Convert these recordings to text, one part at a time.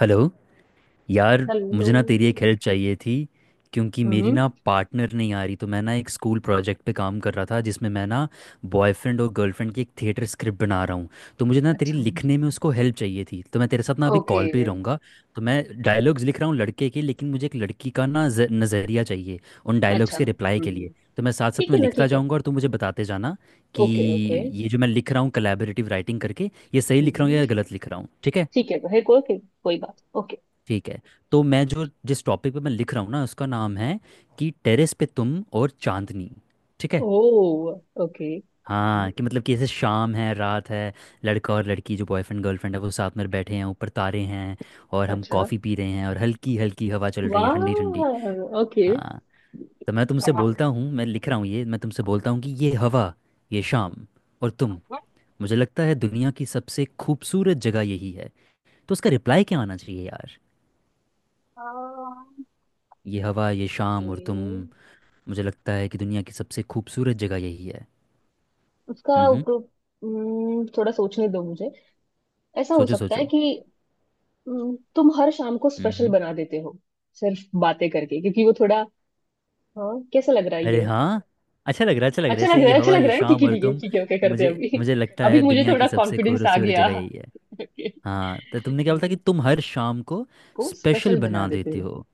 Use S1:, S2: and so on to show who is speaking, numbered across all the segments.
S1: Hello. यार
S2: hello.
S1: मुझे ना तेरी एक हेल्प चाहिए थी, क्योंकि मेरी
S2: हम्म।
S1: ना पार्टनर नहीं आ रही। तो मैं ना एक स्कूल प्रोजेक्ट पे काम कर रहा था जिसमें मैं ना बॉयफ्रेंड और गर्लफ्रेंड की एक थिएटर स्क्रिप्ट बना रहा हूँ। तो मुझे ना तेरी
S2: अच्छा।
S1: लिखने में उसको हेल्प चाहिए थी, तो मैं तेरे साथ ना अभी
S2: ओके।
S1: कॉल पे ही रहूँगा। तो मैं डायलॉग्स लिख रहा हूँ लड़के के, लेकिन मुझे एक लड़की का ना नज़रिया चाहिए उन
S2: अच्छा।
S1: डायलॉग्स के रिप्लाई के
S2: हम्म।
S1: लिए। तो मैं साथ साथ
S2: ठीक
S1: में
S2: है ना,
S1: लिखता
S2: ठीक है।
S1: जाऊँगा और तू मुझे बताते जाना कि
S2: ओके, ओके।
S1: ये जो मैं लिख रहा हूँ कलेबरेटिव राइटिंग करके, ये सही लिख रहा हूँ
S2: हम्म।
S1: या गलत लिख रहा हूँ। ठीक है?
S2: ठीक है। है कोई कोई कोई बात। ओके।
S1: ठीक है। तो मैं जो जिस टॉपिक पे मैं लिख रहा हूँ ना, उसका नाम है कि टेरेस पे तुम और चांदनी। ठीक है?
S2: ओ, ओके।
S1: हाँ, कि मतलब कि जैसे शाम है, रात है, लड़का और लड़की जो बॉयफ्रेंड गर्लफ्रेंड है वो साथ में बैठे हैं, ऊपर तारे हैं और हम
S2: अच्छा।
S1: कॉफ़ी पी रहे हैं और हल्की हल्की हवा चल रही है,
S2: वाह।
S1: ठंडी ठंडी।
S2: ओके,
S1: हाँ, तो मैं तुमसे बोलता हूँ, मैं लिख रहा हूँ ये, मैं तुमसे बोलता हूँ कि ये हवा, ये शाम और तुम, मुझे लगता है दुनिया की सबसे खूबसूरत जगह यही है। तो उसका रिप्लाई क्या आना चाहिए यार? ये हवा, ये शाम और तुम,
S2: ओके।
S1: मुझे लगता है कि दुनिया की सबसे खूबसूरत जगह यही है।
S2: उसका
S1: हम्म।
S2: ऊपर- थोड़ा सोचने दो मुझे। ऐसा हो
S1: सोचो
S2: सकता
S1: सोचो।
S2: है कि तुम हर शाम को स्पेशल
S1: हम्म।
S2: बना देते हो, सिर्फ बातें करके, क्योंकि वो थोड़ा। हाँ, कैसा लग रहा है
S1: अरे
S2: ये?
S1: हाँ, अच्छा लग रहा है, अच्छा लग रहा है
S2: अच्छा
S1: ऐसे।
S2: लग रहा
S1: ये
S2: है, अच्छा
S1: हवा,
S2: लग
S1: ये
S2: रहा है। ठीक
S1: शाम
S2: है,
S1: और
S2: ठीक है,
S1: तुम,
S2: ठीक है। ओके, करते हैं
S1: मुझे
S2: अभी।
S1: मुझे लगता
S2: अभी
S1: है
S2: मुझे
S1: दुनिया
S2: थोड़ा
S1: की सबसे
S2: कॉन्फिडेंस आ
S1: खूबसूरत
S2: गया।
S1: जगह यही है।
S2: ओके।
S1: हाँ, तो तुमने क्या बोला था कि तुम हर शाम को
S2: को
S1: स्पेशल
S2: स्पेशल बना
S1: बना
S2: देते
S1: देते
S2: हैं।
S1: हो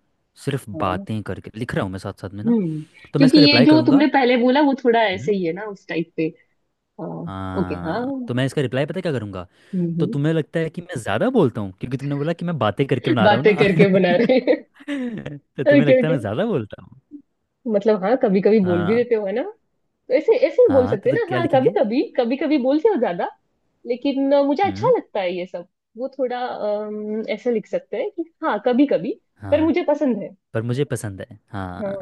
S1: सिर्फ
S2: हाँ।
S1: बातें करके। लिख रहा हूँ मैं साथ साथ में ना।
S2: हम्म।
S1: तो मैं
S2: क्योंकि
S1: इसका
S2: ये
S1: रिप्लाई
S2: जो
S1: करूँगा।
S2: तुमने पहले बोला वो थोड़ा ऐसे
S1: हम्म।
S2: ही है ना, उस टाइप पे। हाँ। ओके, हाँ।
S1: हाँ,
S2: हम्म।
S1: तो मैं इसका रिप्लाई पता है क्या करूँगा? तो
S2: हम्म,
S1: तुम्हें लगता है कि मैं ज़्यादा बोलता हूँ, क्योंकि तुमने बोला कि मैं बातें करके बना रहा हूँ
S2: बातें
S1: ना।
S2: करके बना रहे।
S1: तो तुम्हें
S2: ओके,
S1: लगता है
S2: ओके।
S1: मैं ज़्यादा बोलता हूँ?
S2: मतलब, हाँ, कभी कभी बोल भी
S1: हाँ।
S2: देते हो है ना। ऐसे ऐसे ही बोल
S1: हाँ
S2: सकते हैं
S1: तो
S2: ना।
S1: क्या
S2: हाँ, कभी
S1: लिखेंगे?
S2: कभी कभी कभी बोलते हो ज्यादा। लेकिन मुझे अच्छा
S1: हम्म।
S2: लगता है ये सब। वो थोड़ा ऐसे लिख सकते हैं कि हाँ, कभी कभी। पर
S1: हाँ,
S2: मुझे पसंद है।
S1: पर मुझे पसंद है।
S2: हाँ।
S1: हाँ।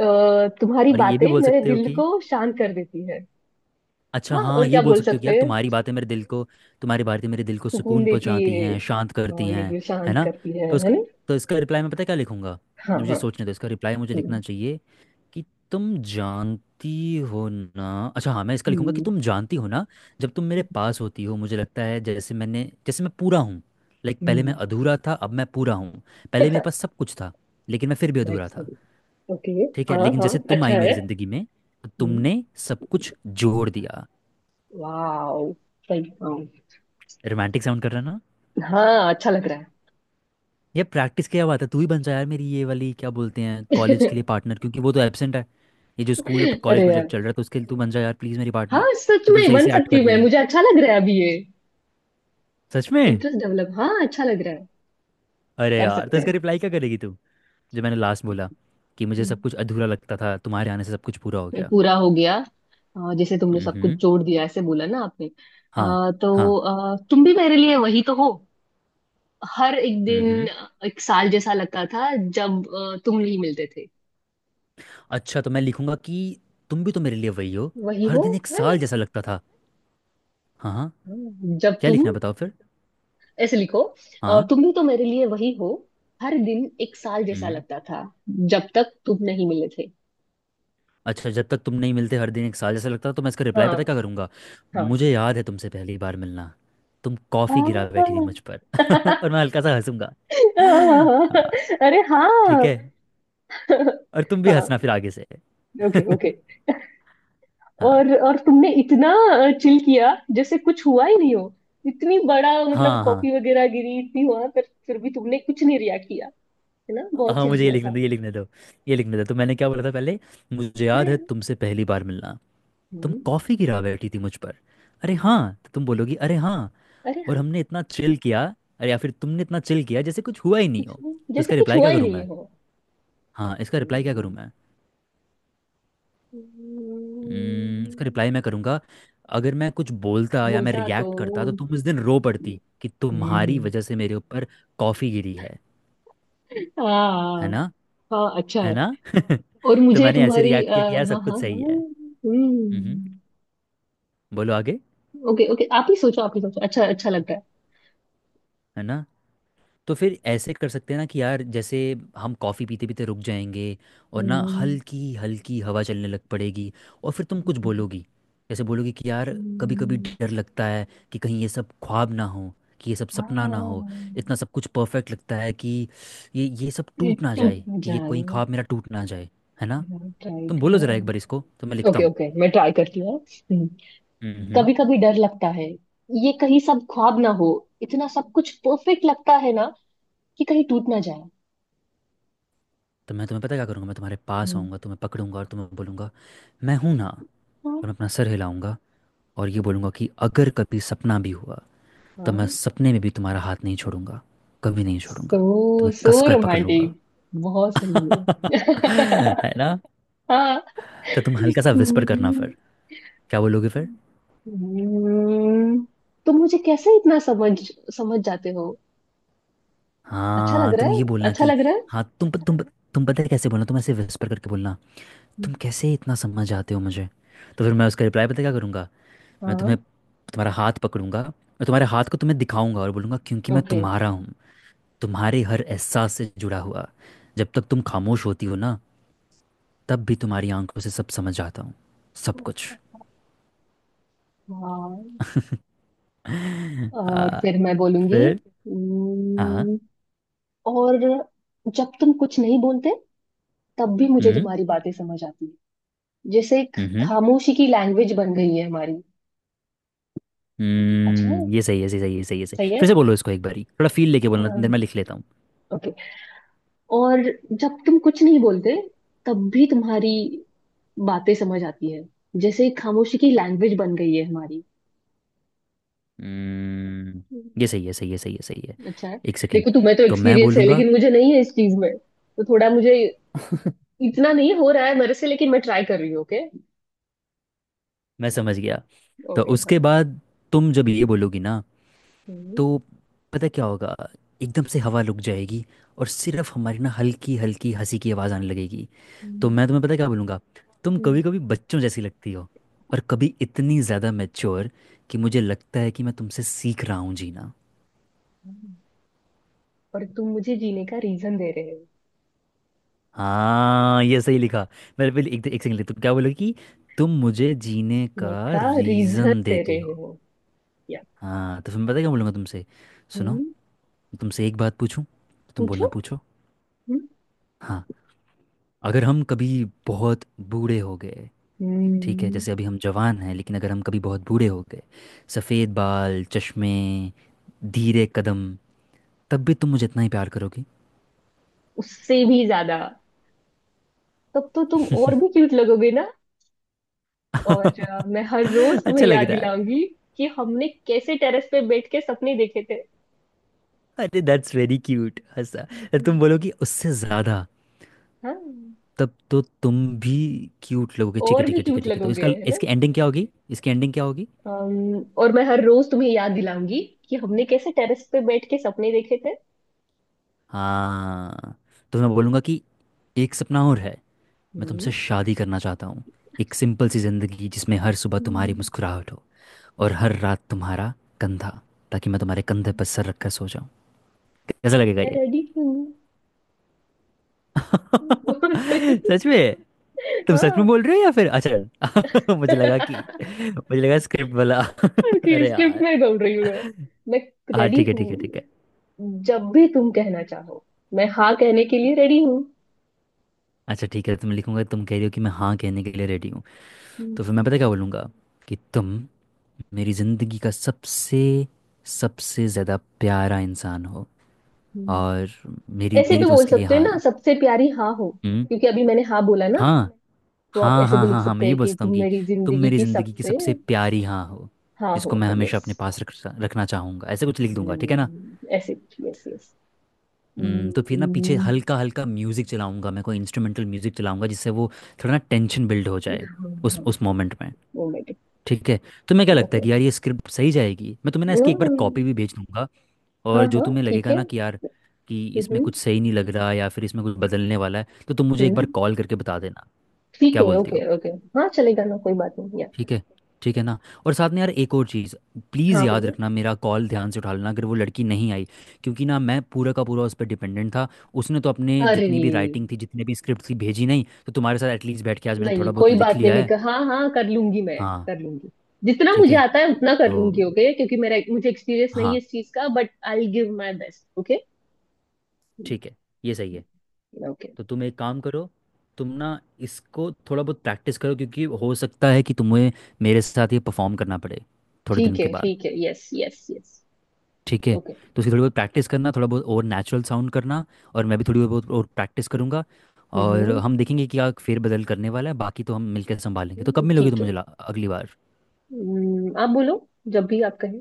S2: तुम्हारी
S1: और ये
S2: बातें
S1: भी बोल
S2: मेरे
S1: सकते हो
S2: दिल
S1: कि,
S2: को शांत कर देती है।
S1: अच्छा
S2: हाँ,
S1: हाँ,
S2: और
S1: ये
S2: क्या
S1: बोल
S2: बोल
S1: सकते हो कि
S2: सकते
S1: यार
S2: हैं।
S1: तुम्हारी बातें मेरे दिल को। तुम्हारी बातें मेरे दिल को
S2: सुकून
S1: सुकून
S2: देती
S1: पहुंचाती
S2: है।
S1: हैं, शांत करती
S2: ये
S1: हैं।
S2: भी
S1: है
S2: शांत
S1: ना?
S2: करती
S1: तो
S2: है
S1: इसका,
S2: ना।
S1: तो इसका रिप्लाई मैं पता है क्या लिखूंगा?
S2: हाँ।
S1: मुझे
S2: हाँ।
S1: सोचने दो, इसका रिप्लाई मुझे लिखना चाहिए कि तुम जानती हो ना। अच्छा हाँ, मैं इसका लिखूंगा कि
S2: हम्म।
S1: तुम जानती हो ना, जब तुम मेरे पास होती हो मुझे लगता है जैसे मैं पूरा हूँ। लाइक, पहले मैं
S2: हम्म।
S1: अधूरा था, अब मैं पूरा हूँ। पहले मेरे पास सब कुछ था, लेकिन मैं फिर भी अधूरा
S2: नेक्स्ट।
S1: था।
S2: ओके।
S1: ठीक है,
S2: हाँ,
S1: लेकिन
S2: हाँ।
S1: जैसे तुम
S2: अच्छा
S1: आई मेरी
S2: है।
S1: ज़िंदगी में, तो
S2: हम्म।
S1: तुमने सब कुछ जोड़ दिया।
S2: वाओ। सही, हाँ।
S1: रोमांटिक साउंड कर रहा ना?
S2: हाँ, अच्छा लग रहा
S1: ये प्रैक्टिस क्या बात है, तू ही बन जा यार मेरी ये वाली, क्या बोलते हैं, कॉलेज
S2: है।
S1: के लिए पार्टनर, क्योंकि वो तो एबसेंट है। ये जो स्कूल और कॉलेज
S2: अरे
S1: प्रोजेक्ट
S2: यार।
S1: चल रहा है, तो उसके लिए तू बन जा यार प्लीज़ मेरी पार्टनर।
S2: हाँ, सच
S1: तू तो
S2: में
S1: सही
S2: बन
S1: से एक्ट
S2: सकती
S1: कर
S2: हूँ मैं,
S1: रही है
S2: मुझे अच्छा लग रहा है अभी ये।
S1: सच में।
S2: इंटरेस्ट डेवलप, हाँ, अच्छा लग रहा है।
S1: अरे
S2: कर
S1: यार, तो
S2: सकते
S1: इसका
S2: हैं।
S1: रिप्लाई क्या करेगी तू, जो मैंने लास्ट बोला कि मुझे सब
S2: हम्म,
S1: कुछ अधूरा लगता था, तुम्हारे आने से सब कुछ पूरा हो
S2: ये
S1: गया।
S2: पूरा हो गया। जैसे तुमने सब कुछ
S1: हम्म।
S2: जोड़ दिया ऐसे बोला ना आपने,
S1: हाँ।
S2: अ,
S1: हाँ।
S2: तो अ, तुम भी मेरे लिए वही तो हो। हर एक दिन
S1: हम्म।
S2: एक साल जैसा लगता था जब तुम नहीं मिलते थे।
S1: अच्छा तो मैं लिखूंगा कि तुम भी तो मेरे लिए वही हो,
S2: वही
S1: हर
S2: हो।
S1: दिन एक
S2: है ना।
S1: साल जैसा लगता था। हाँ हाँ।
S2: हाँ, जब
S1: क्या
S2: तुम।
S1: लिखना है बताओ फिर।
S2: ऐसे लिखो,
S1: हाँ।
S2: तुम भी तो मेरे लिए वही हो, हर दिन एक साल जैसा
S1: हम्म।
S2: लगता था जब तक तुम नहीं मिले थे।
S1: अच्छा, जब तक तुम नहीं मिलते हर दिन एक साल जैसा लगता था। तो मैं इसका रिप्लाई पता क्या
S2: हाँ।
S1: करूंगा?
S2: हाँ।
S1: मुझे याद है तुमसे पहली बार मिलना, तुम कॉफ़ी
S2: हाँ।
S1: गिरा बैठी थी मुझ पर। और मैं हल्का सा हंसूंगा। हाँ,
S2: अरे
S1: ठीक
S2: हाँ।
S1: है, और तुम भी
S2: हाँ।
S1: हंसना फिर आगे से।
S2: Okay, okay.
S1: हाँ।
S2: और तुमने इतना चिल किया जैसे कुछ हुआ ही नहीं हो। इतनी बड़ा मतलब
S1: हाँ हाँ
S2: कॉफी वगैरह गिरी इतनी हुआ पर फिर भी तुमने कुछ नहीं रिएक्ट किया। है ना, बहुत
S1: हाँ
S2: चिल
S1: मुझे ये
S2: किया
S1: लिखने
S2: था।
S1: दो, ये लिखने दो। तो मैंने क्या बोला था पहले? मुझे
S2: अरे
S1: याद है
S2: हाँ।
S1: तुमसे पहली बार मिलना, तुम
S2: हम्म।
S1: कॉफ़ी गिरा बैठी थी मुझ पर। अरे
S2: हम्म।
S1: हाँ, तो तुम बोलोगी, अरे हाँ।
S2: अरे
S1: और
S2: हाँ।
S1: हमने इतना चिल किया, अरे या फिर तुमने इतना चिल किया जैसे कुछ हुआ ही नहीं
S2: कुछ
S1: हो।
S2: नहीं,
S1: तो
S2: जैसे
S1: इसका
S2: कुछ
S1: रिप्लाई
S2: हुआ
S1: क्या
S2: ही
S1: करूँ
S2: नहीं
S1: मैं?
S2: हो।
S1: हाँ, इसका रिप्लाई क्या
S2: हम्म।
S1: करूँ मैं? इसका रिप्लाई
S2: हम्म।
S1: मैं करूँगा, अगर मैं कुछ बोलता या मैं
S2: बोलता तो।
S1: रिएक्ट करता तो तुम उस दिन रो पड़ती कि तुम्हारी
S2: हम्म।
S1: वजह से मेरे ऊपर कॉफ़ी गिरी है। है
S2: हाँ।
S1: ना?
S2: हाँ, अच्छा
S1: है
S2: है।
S1: ना।
S2: और
S1: तो
S2: मुझे
S1: मैंने ऐसे
S2: तुम्हारी
S1: रिएक्ट किया कि
S2: हाँ,
S1: यार सब कुछ
S2: हाँ, हाँ।
S1: सही है। हम्म।
S2: हम्म।
S1: बोलो आगे।
S2: ओके, ओके, आप ही सोचो, आप ही सोचो। अच्छा, अच्छा लग रहा है।
S1: है ना? तो फिर ऐसे कर सकते हैं ना कि यार, जैसे हम कॉफ़ी पीते पीते रुक जाएंगे और ना
S2: हम्म।
S1: हल्की हल्की हवा चलने लग पड़ेगी, और फिर तुम कुछ
S2: हम्म।
S1: बोलोगी, जैसे बोलोगी कि यार कभी कभी
S2: हम्म।
S1: डर लगता है कि कहीं ये सब ख्वाब ना हो, कि ये सब
S2: हाँ।
S1: सपना ना हो। इतना सब कुछ परफेक्ट लगता है कि ये सब
S2: ये
S1: टूट ना
S2: टूट
S1: जाए, कि ये कोई
S2: जाए।
S1: ख्वाब मेरा टूट ना जाए। है ना?
S2: ट्राई।
S1: तुम बोलो ज़रा एक बार इसको, तो मैं
S2: ओके,
S1: लिखता
S2: ओके, मैं ट्राई करती हूँ।
S1: हूँ।
S2: कभी कभी डर लगता है, ये कहीं सब ख्वाब ना हो। इतना सब कुछ परफेक्ट लगता है ना, कि कहीं टूट ना जाए।
S1: तो मैं तुम्हें पता क्या करूँगा, मैं तुम्हारे पास
S2: हम्म।
S1: आऊँगा, तुम्हें पकड़ूंगा और तुम्हें बोलूँगा, मैं हूँ ना।
S2: हाँ।
S1: और मैं अपना सर हिलाऊंगा और ये बोलूँगा कि अगर कभी सपना भी हुआ तो मैं
S2: हाँ।
S1: सपने में भी तुम्हारा हाथ नहीं छोड़ूंगा, कभी नहीं छोड़ूंगा, तुम्हें
S2: सो
S1: कस कर पकड़ लूंगा।
S2: रोमांटिक। बहुत सही है।
S1: है ना?
S2: हाँ।
S1: तो तुम हल्का सा विस्पर करना
S2: हम्म।
S1: फिर। क्या बोलोगे फिर?
S2: हम्म, तुम मुझे कैसे इतना समझ समझ जाते हो। अच्छा लग
S1: हाँ,
S2: रहा
S1: तुम ये
S2: है,
S1: बोलना
S2: अच्छा
S1: कि,
S2: लग रहा है।
S1: हाँ तुम तुम पता है कैसे बोलना, तुम ऐसे विस्पर करके बोलना,
S2: हम्म।
S1: तुम कैसे इतना समझ जाते हो मुझे। तो फिर मैं उसका रिप्लाई पता क्या करूँगा? मैं तुम्हें
S2: हाँ।
S1: तुम्हारा हाथ पकड़ूंगा और तुम्हारे हाथ को तुम्हें दिखाऊंगा और बोलूंगा क्योंकि मैं
S2: ओके।
S1: तुम्हारा हूँ, तुम्हारे हर एहसास से जुड़ा हुआ। जब तक तुम खामोश होती हो ना, तब भी तुम्हारी आंखों से सब समझ आता हूँ, सब कुछ।
S2: हाँ। और
S1: आ,
S2: फिर मैं बोलूंगी।
S1: फिर। हाँ।
S2: हम्म। और जब तुम कुछ नहीं बोलते, तब भी मुझे
S1: हम्म।
S2: तुम्हारी बातें समझ आती है। जैसे एक
S1: हम्म।
S2: खामोशी की लैंग्वेज बन गई है हमारी। अच्छा है,
S1: हम्म, ये सही है, सही सही, ये सही है सही,
S2: सही है।
S1: फिर से बोलो इसको एक बारी थोड़ा फील लेके बोलना, इतनी देर
S2: हाँ।
S1: मैं लिख लेता हूँ।
S2: ओके। और जब तुम कुछ नहीं बोलते, तब भी तुम्हारी बातें समझ आती है। जैसे खामोशी की लैंग्वेज बन गई है हमारी।
S1: हम्म,
S2: हम्म।
S1: ये सही है, सही है, सही है, सही है।
S2: अच्छा है।
S1: एक सेकेंड।
S2: देखो तुम्हें तो
S1: तो मैं
S2: एक्सपीरियंस है,
S1: बोलूँगा,
S2: लेकिन मुझे नहीं है इस चीज में, तो थोड़ा मुझे इतना नहीं हो रहा है मेरे से, लेकिन मैं ट्राई कर रही हूँ। ओके।
S1: मैं समझ गया। तो
S2: ओके, हाँ।
S1: उसके बाद तुम जब ये बोलोगी ना,
S2: हम्म।
S1: तो पता क्या होगा, एकदम से हवा रुक जाएगी और सिर्फ हमारी ना हल्की हल्की हंसी की आवाज़ आने लगेगी। तो
S2: हम्म।
S1: मैं तुम्हें पता क्या बोलूँगा, तुम
S2: हम्म।
S1: कभी कभी बच्चों जैसी लगती हो और कभी इतनी ज़्यादा मैच्योर कि मुझे लगता है कि मैं तुमसे सीख रहा हूँ जीना।
S2: हम्म। और तुम मुझे जीने का रीजन दे रहे हो।
S1: हाँ, ये सही लिखा। मेरे पहले एक एक सेकंड, तुम क्या बोलोगे कि तुम मुझे जीने का
S2: जीने का रीजन
S1: रीज़न
S2: दे
S1: देते
S2: रहे
S1: हो।
S2: हो, या।
S1: हाँ तो फिर मैं पता क्या बोलूँगा तुमसे, सुनो,
S2: हम्म।
S1: तुमसे एक बात पूछूं, तो तुम
S2: पूछो।
S1: बोलना पूछो।
S2: हम्म।
S1: हाँ, अगर हम कभी बहुत बूढ़े हो गए, ठीक है
S2: हम्म।
S1: जैसे अभी हम जवान हैं, लेकिन अगर हम कभी बहुत बूढ़े हो गए, सफ़ेद बाल, चश्मे, धीरे कदम, तब भी तुम मुझे इतना ही प्यार करोगी?
S2: उससे भी ज्यादा। तब तो तुम और भी क्यूट लगोगे ना। और मैं हर रोज
S1: अच्छा
S2: तुम्हें
S1: लग
S2: याद
S1: रहा है।
S2: दिलाऊंगी कि हमने कैसे टेरेस पे बैठ के सपने देखे थे।
S1: अरे दैट्स वेरी क्यूट, हंसा। अरे तुम
S2: हम्म।
S1: बोलोगी उससे ज़्यादा,
S2: हाँ,
S1: तब तो तुम भी क्यूट लगोगे। ठीक है
S2: और
S1: ठीक
S2: भी
S1: है ठीक है
S2: क्यूट
S1: ठीक है। तो
S2: लगोगे
S1: इसका
S2: है ना।
S1: इसकी एंडिंग क्या होगी, इसकी एंडिंग क्या होगी?
S2: और मैं हर रोज तुम्हें याद दिलाऊंगी कि हमने कैसे टेरेस पे बैठ के सपने देखे थे।
S1: हाँ, तो मैं बोलूँगा कि एक सपना और है, मैं तुमसे
S2: हम्म।
S1: शादी करना चाहता हूँ, एक सिंपल सी ज़िंदगी जिसमें हर सुबह तुम्हारी
S2: हम्म।
S1: मुस्कुराहट हो और हर रात तुम्हारा कंधा, ताकि मैं तुम्हारे कंधे पर सर रखकर सो जाऊँ। कैसा लगेगा
S2: मैं
S1: ये?
S2: रेडी हूँ। बहुत सही।
S1: सच में? तुम सच में
S2: हाँ।
S1: बोल रहे हो या फिर, अच्छा मुझे लगा कि, मुझे लगा स्क्रिप्ट वाला।
S2: ओके,
S1: अरे
S2: स्क्रिप्ट
S1: यार,
S2: में बोल रही हूँ मैं। मैं
S1: हाँ
S2: रेडी
S1: ठीक है ठीक है ठीक
S2: हूँ,
S1: है।
S2: जब भी तुम कहना चाहो, मैं हाँ कहने के लिए रेडी हूँ।
S1: अच्छा ठीक है, तुम लिखूंगा तुम कह रही हो कि मैं हाँ कहने के लिए रेडी हूँ।
S2: हम्म।
S1: तो फिर मैं पता क्या बोलूँगा कि तुम मेरी ज़िंदगी का सबसे सबसे ज़्यादा प्यारा इंसान हो और
S2: हम्म।
S1: मेरी
S2: ऐसे भी
S1: मेरी तो
S2: बोल
S1: उसके लिए
S2: सकते हो
S1: हाँ
S2: ना,
S1: है।
S2: सबसे प्यारी हाँ हो,
S1: हम्म।
S2: क्योंकि अभी मैंने हाँ बोला ना।
S1: हाँ
S2: तो आप
S1: हाँ
S2: ऐसे
S1: हाँ
S2: भी लिख
S1: हाँ हाँ मैं
S2: सकते
S1: ये
S2: हैं
S1: बोल
S2: कि
S1: सकता हूँ
S2: तुम
S1: कि
S2: मेरी
S1: तुम
S2: जिंदगी
S1: मेरी
S2: की
S1: ज़िंदगी की
S2: सबसे।
S1: सबसे प्यारी हाँ हो,
S2: हाँ हो,
S1: जिसको मैं हमेशा
S2: यस।
S1: अपने पास रख रखना चाहूँगा, ऐसे कुछ लिख दूंगा। ठीक है ना?
S2: ऐसे। Yes, yes.
S1: तो फिर ना पीछे
S2: हम्म।
S1: हल्का हल्का म्यूज़िक चलाऊंगा, मैं कोई इंस्ट्रूमेंटल म्यूज़िक चलाऊंगा जिससे वो थोड़ा ना टेंशन बिल्ड हो जाए
S2: हाँ,
S1: उस
S2: हाँ।
S1: उस मोमेंट में।
S2: Oh my god.
S1: ठीक है? तुम्हें क्या लगता
S2: ओके।
S1: है कि यार ये स्क्रिप्ट सही जाएगी? मैं तुम्हें ना इसकी एक बार कॉपी भी भेज दूंगा,
S2: हाँ,
S1: और जो
S2: हाँ,
S1: तुम्हें
S2: ठीक
S1: लगेगा
S2: है।
S1: ना कि यार कि इसमें
S2: हम्म।
S1: कुछ सही नहीं लग रहा या फिर इसमें कुछ बदलने वाला है, तो तुम मुझे एक बार
S2: हम्म।
S1: कॉल करके बता देना।
S2: ठीक
S1: क्या
S2: है,
S1: बोलती हो?
S2: Okay, okay. हाँ, चलेगा ना, कोई बात नहीं।
S1: ठीक है। ठीक है ना? और साथ में यार एक और चीज़, प्लीज़
S2: हाँ,
S1: याद
S2: बोलो।
S1: रखना मेरा कॉल ध्यान से उठा लेना, अगर वो लड़की नहीं आई, क्योंकि ना मैं पूरा का पूरा उस पर डिपेंडेंट था। उसने तो अपने
S2: अरे
S1: जितनी भी राइटिंग थी जितने भी स्क्रिप्ट थी भेजी नहीं, तो तुम्हारे साथ एटलीस्ट बैठ के आज मैंने
S2: नहीं,
S1: थोड़ा बहुत
S2: कोई
S1: लिख
S2: बात नहीं,
S1: लिया
S2: मैं
S1: है।
S2: कहा हाँ, हाँ कर लूंगी मैं,
S1: हाँ।
S2: कर लूंगी। जितना
S1: ठीक
S2: मुझे
S1: है।
S2: आता है उतना कर
S1: तो,
S2: लूंगी। ओके, क्योंकि मेरा मुझे एक्सपीरियंस नहीं है
S1: हाँ,
S2: इस चीज का, but I will give my best. Okay.
S1: ठीक है, ये सही है।
S2: ओके।
S1: तो तुम एक काम करो, तुम ना इसको थोड़ा बहुत प्रैक्टिस करो, क्योंकि हो सकता है कि तुम्हें मेरे साथ ये परफॉर्म करना पड़े थोड़े
S2: ठीक
S1: दिन के
S2: है,
S1: बाद।
S2: ठीक है, यस, यस, यस।
S1: ठीक है?
S2: ओके।
S1: तो उसकी थोड़ी बहुत प्रैक्टिस करना, थोड़ा बहुत और नेचुरल साउंड करना, और मैं भी थोड़ी बहुत और प्रैक्टिस करूँगा और
S2: हम्म।
S1: हम देखेंगे कि क्या फेरबदल करने वाला है, बाकी तो हम मिलकर संभालेंगे। तो कब मिलोगी तुम
S2: ठीक है।
S1: मुझे अगली बार?
S2: आप बोलो, जब भी आप कहें।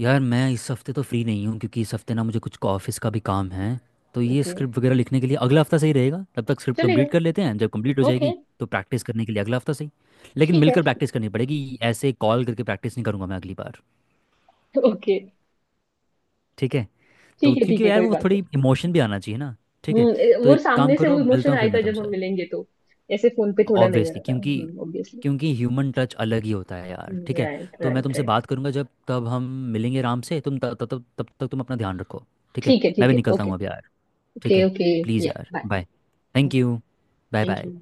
S1: यार मैं इस हफ्ते तो फ्री नहीं हूँ, क्योंकि इस हफ्ते ना मुझे कुछ ऑफिस का भी काम है, तो ये
S2: ओके।
S1: स्क्रिप्ट वगैरह लिखने के लिए अगला हफ्ता सही रहेगा, तब तक स्क्रिप्ट
S2: चलेगा।
S1: कंप्लीट कर लेते हैं, जब कंप्लीट हो
S2: ओके।
S1: जाएगी तो प्रैक्टिस करने के लिए अगला हफ्ता सही। लेकिन
S2: ठीक है।
S1: मिलकर प्रैक्टिस करनी पड़ेगी, ऐसे कॉल करके प्रैक्टिस नहीं करूँगा मैं अगली बार।
S2: ओके।
S1: ठीक है? तो
S2: ठीक है, ठीक
S1: क्योंकि
S2: है,
S1: यार
S2: कोई
S1: वो
S2: बात
S1: थोड़ी
S2: नहीं।
S1: इमोशन भी आना चाहिए ना। ठीक है? तो
S2: वो
S1: एक काम
S2: सामने से
S1: करो,
S2: वो
S1: मिलता
S2: इमोशन
S1: हूँ फिर
S2: आएगा
S1: मैं
S2: जब हम
S1: तुमसे।
S2: मिलेंगे तो। ऐसे फोन पे थोड़ा नहीं
S1: ऑब्वियसली,
S2: आता।
S1: क्योंकि
S2: Obviously।
S1: क्योंकि ह्यूमन टच अलग ही होता है यार। ठीक है?
S2: राइट,
S1: तो मैं
S2: राइट,
S1: तुमसे
S2: राइट।
S1: बात करूंगा जब तब हम मिलेंगे आराम से। तुम तब तब तब तक तुम अपना ध्यान रखो। ठीक है?
S2: ठीक है,
S1: मैं
S2: ठीक
S1: भी
S2: है।
S1: निकलता
S2: ओके,
S1: हूँ अब यार। ठीक
S2: ओके।
S1: है,
S2: ओके,
S1: प्लीज़
S2: या,
S1: यार,
S2: bye.
S1: Bye. Thank you. Bye
S2: thank
S1: bye.
S2: You.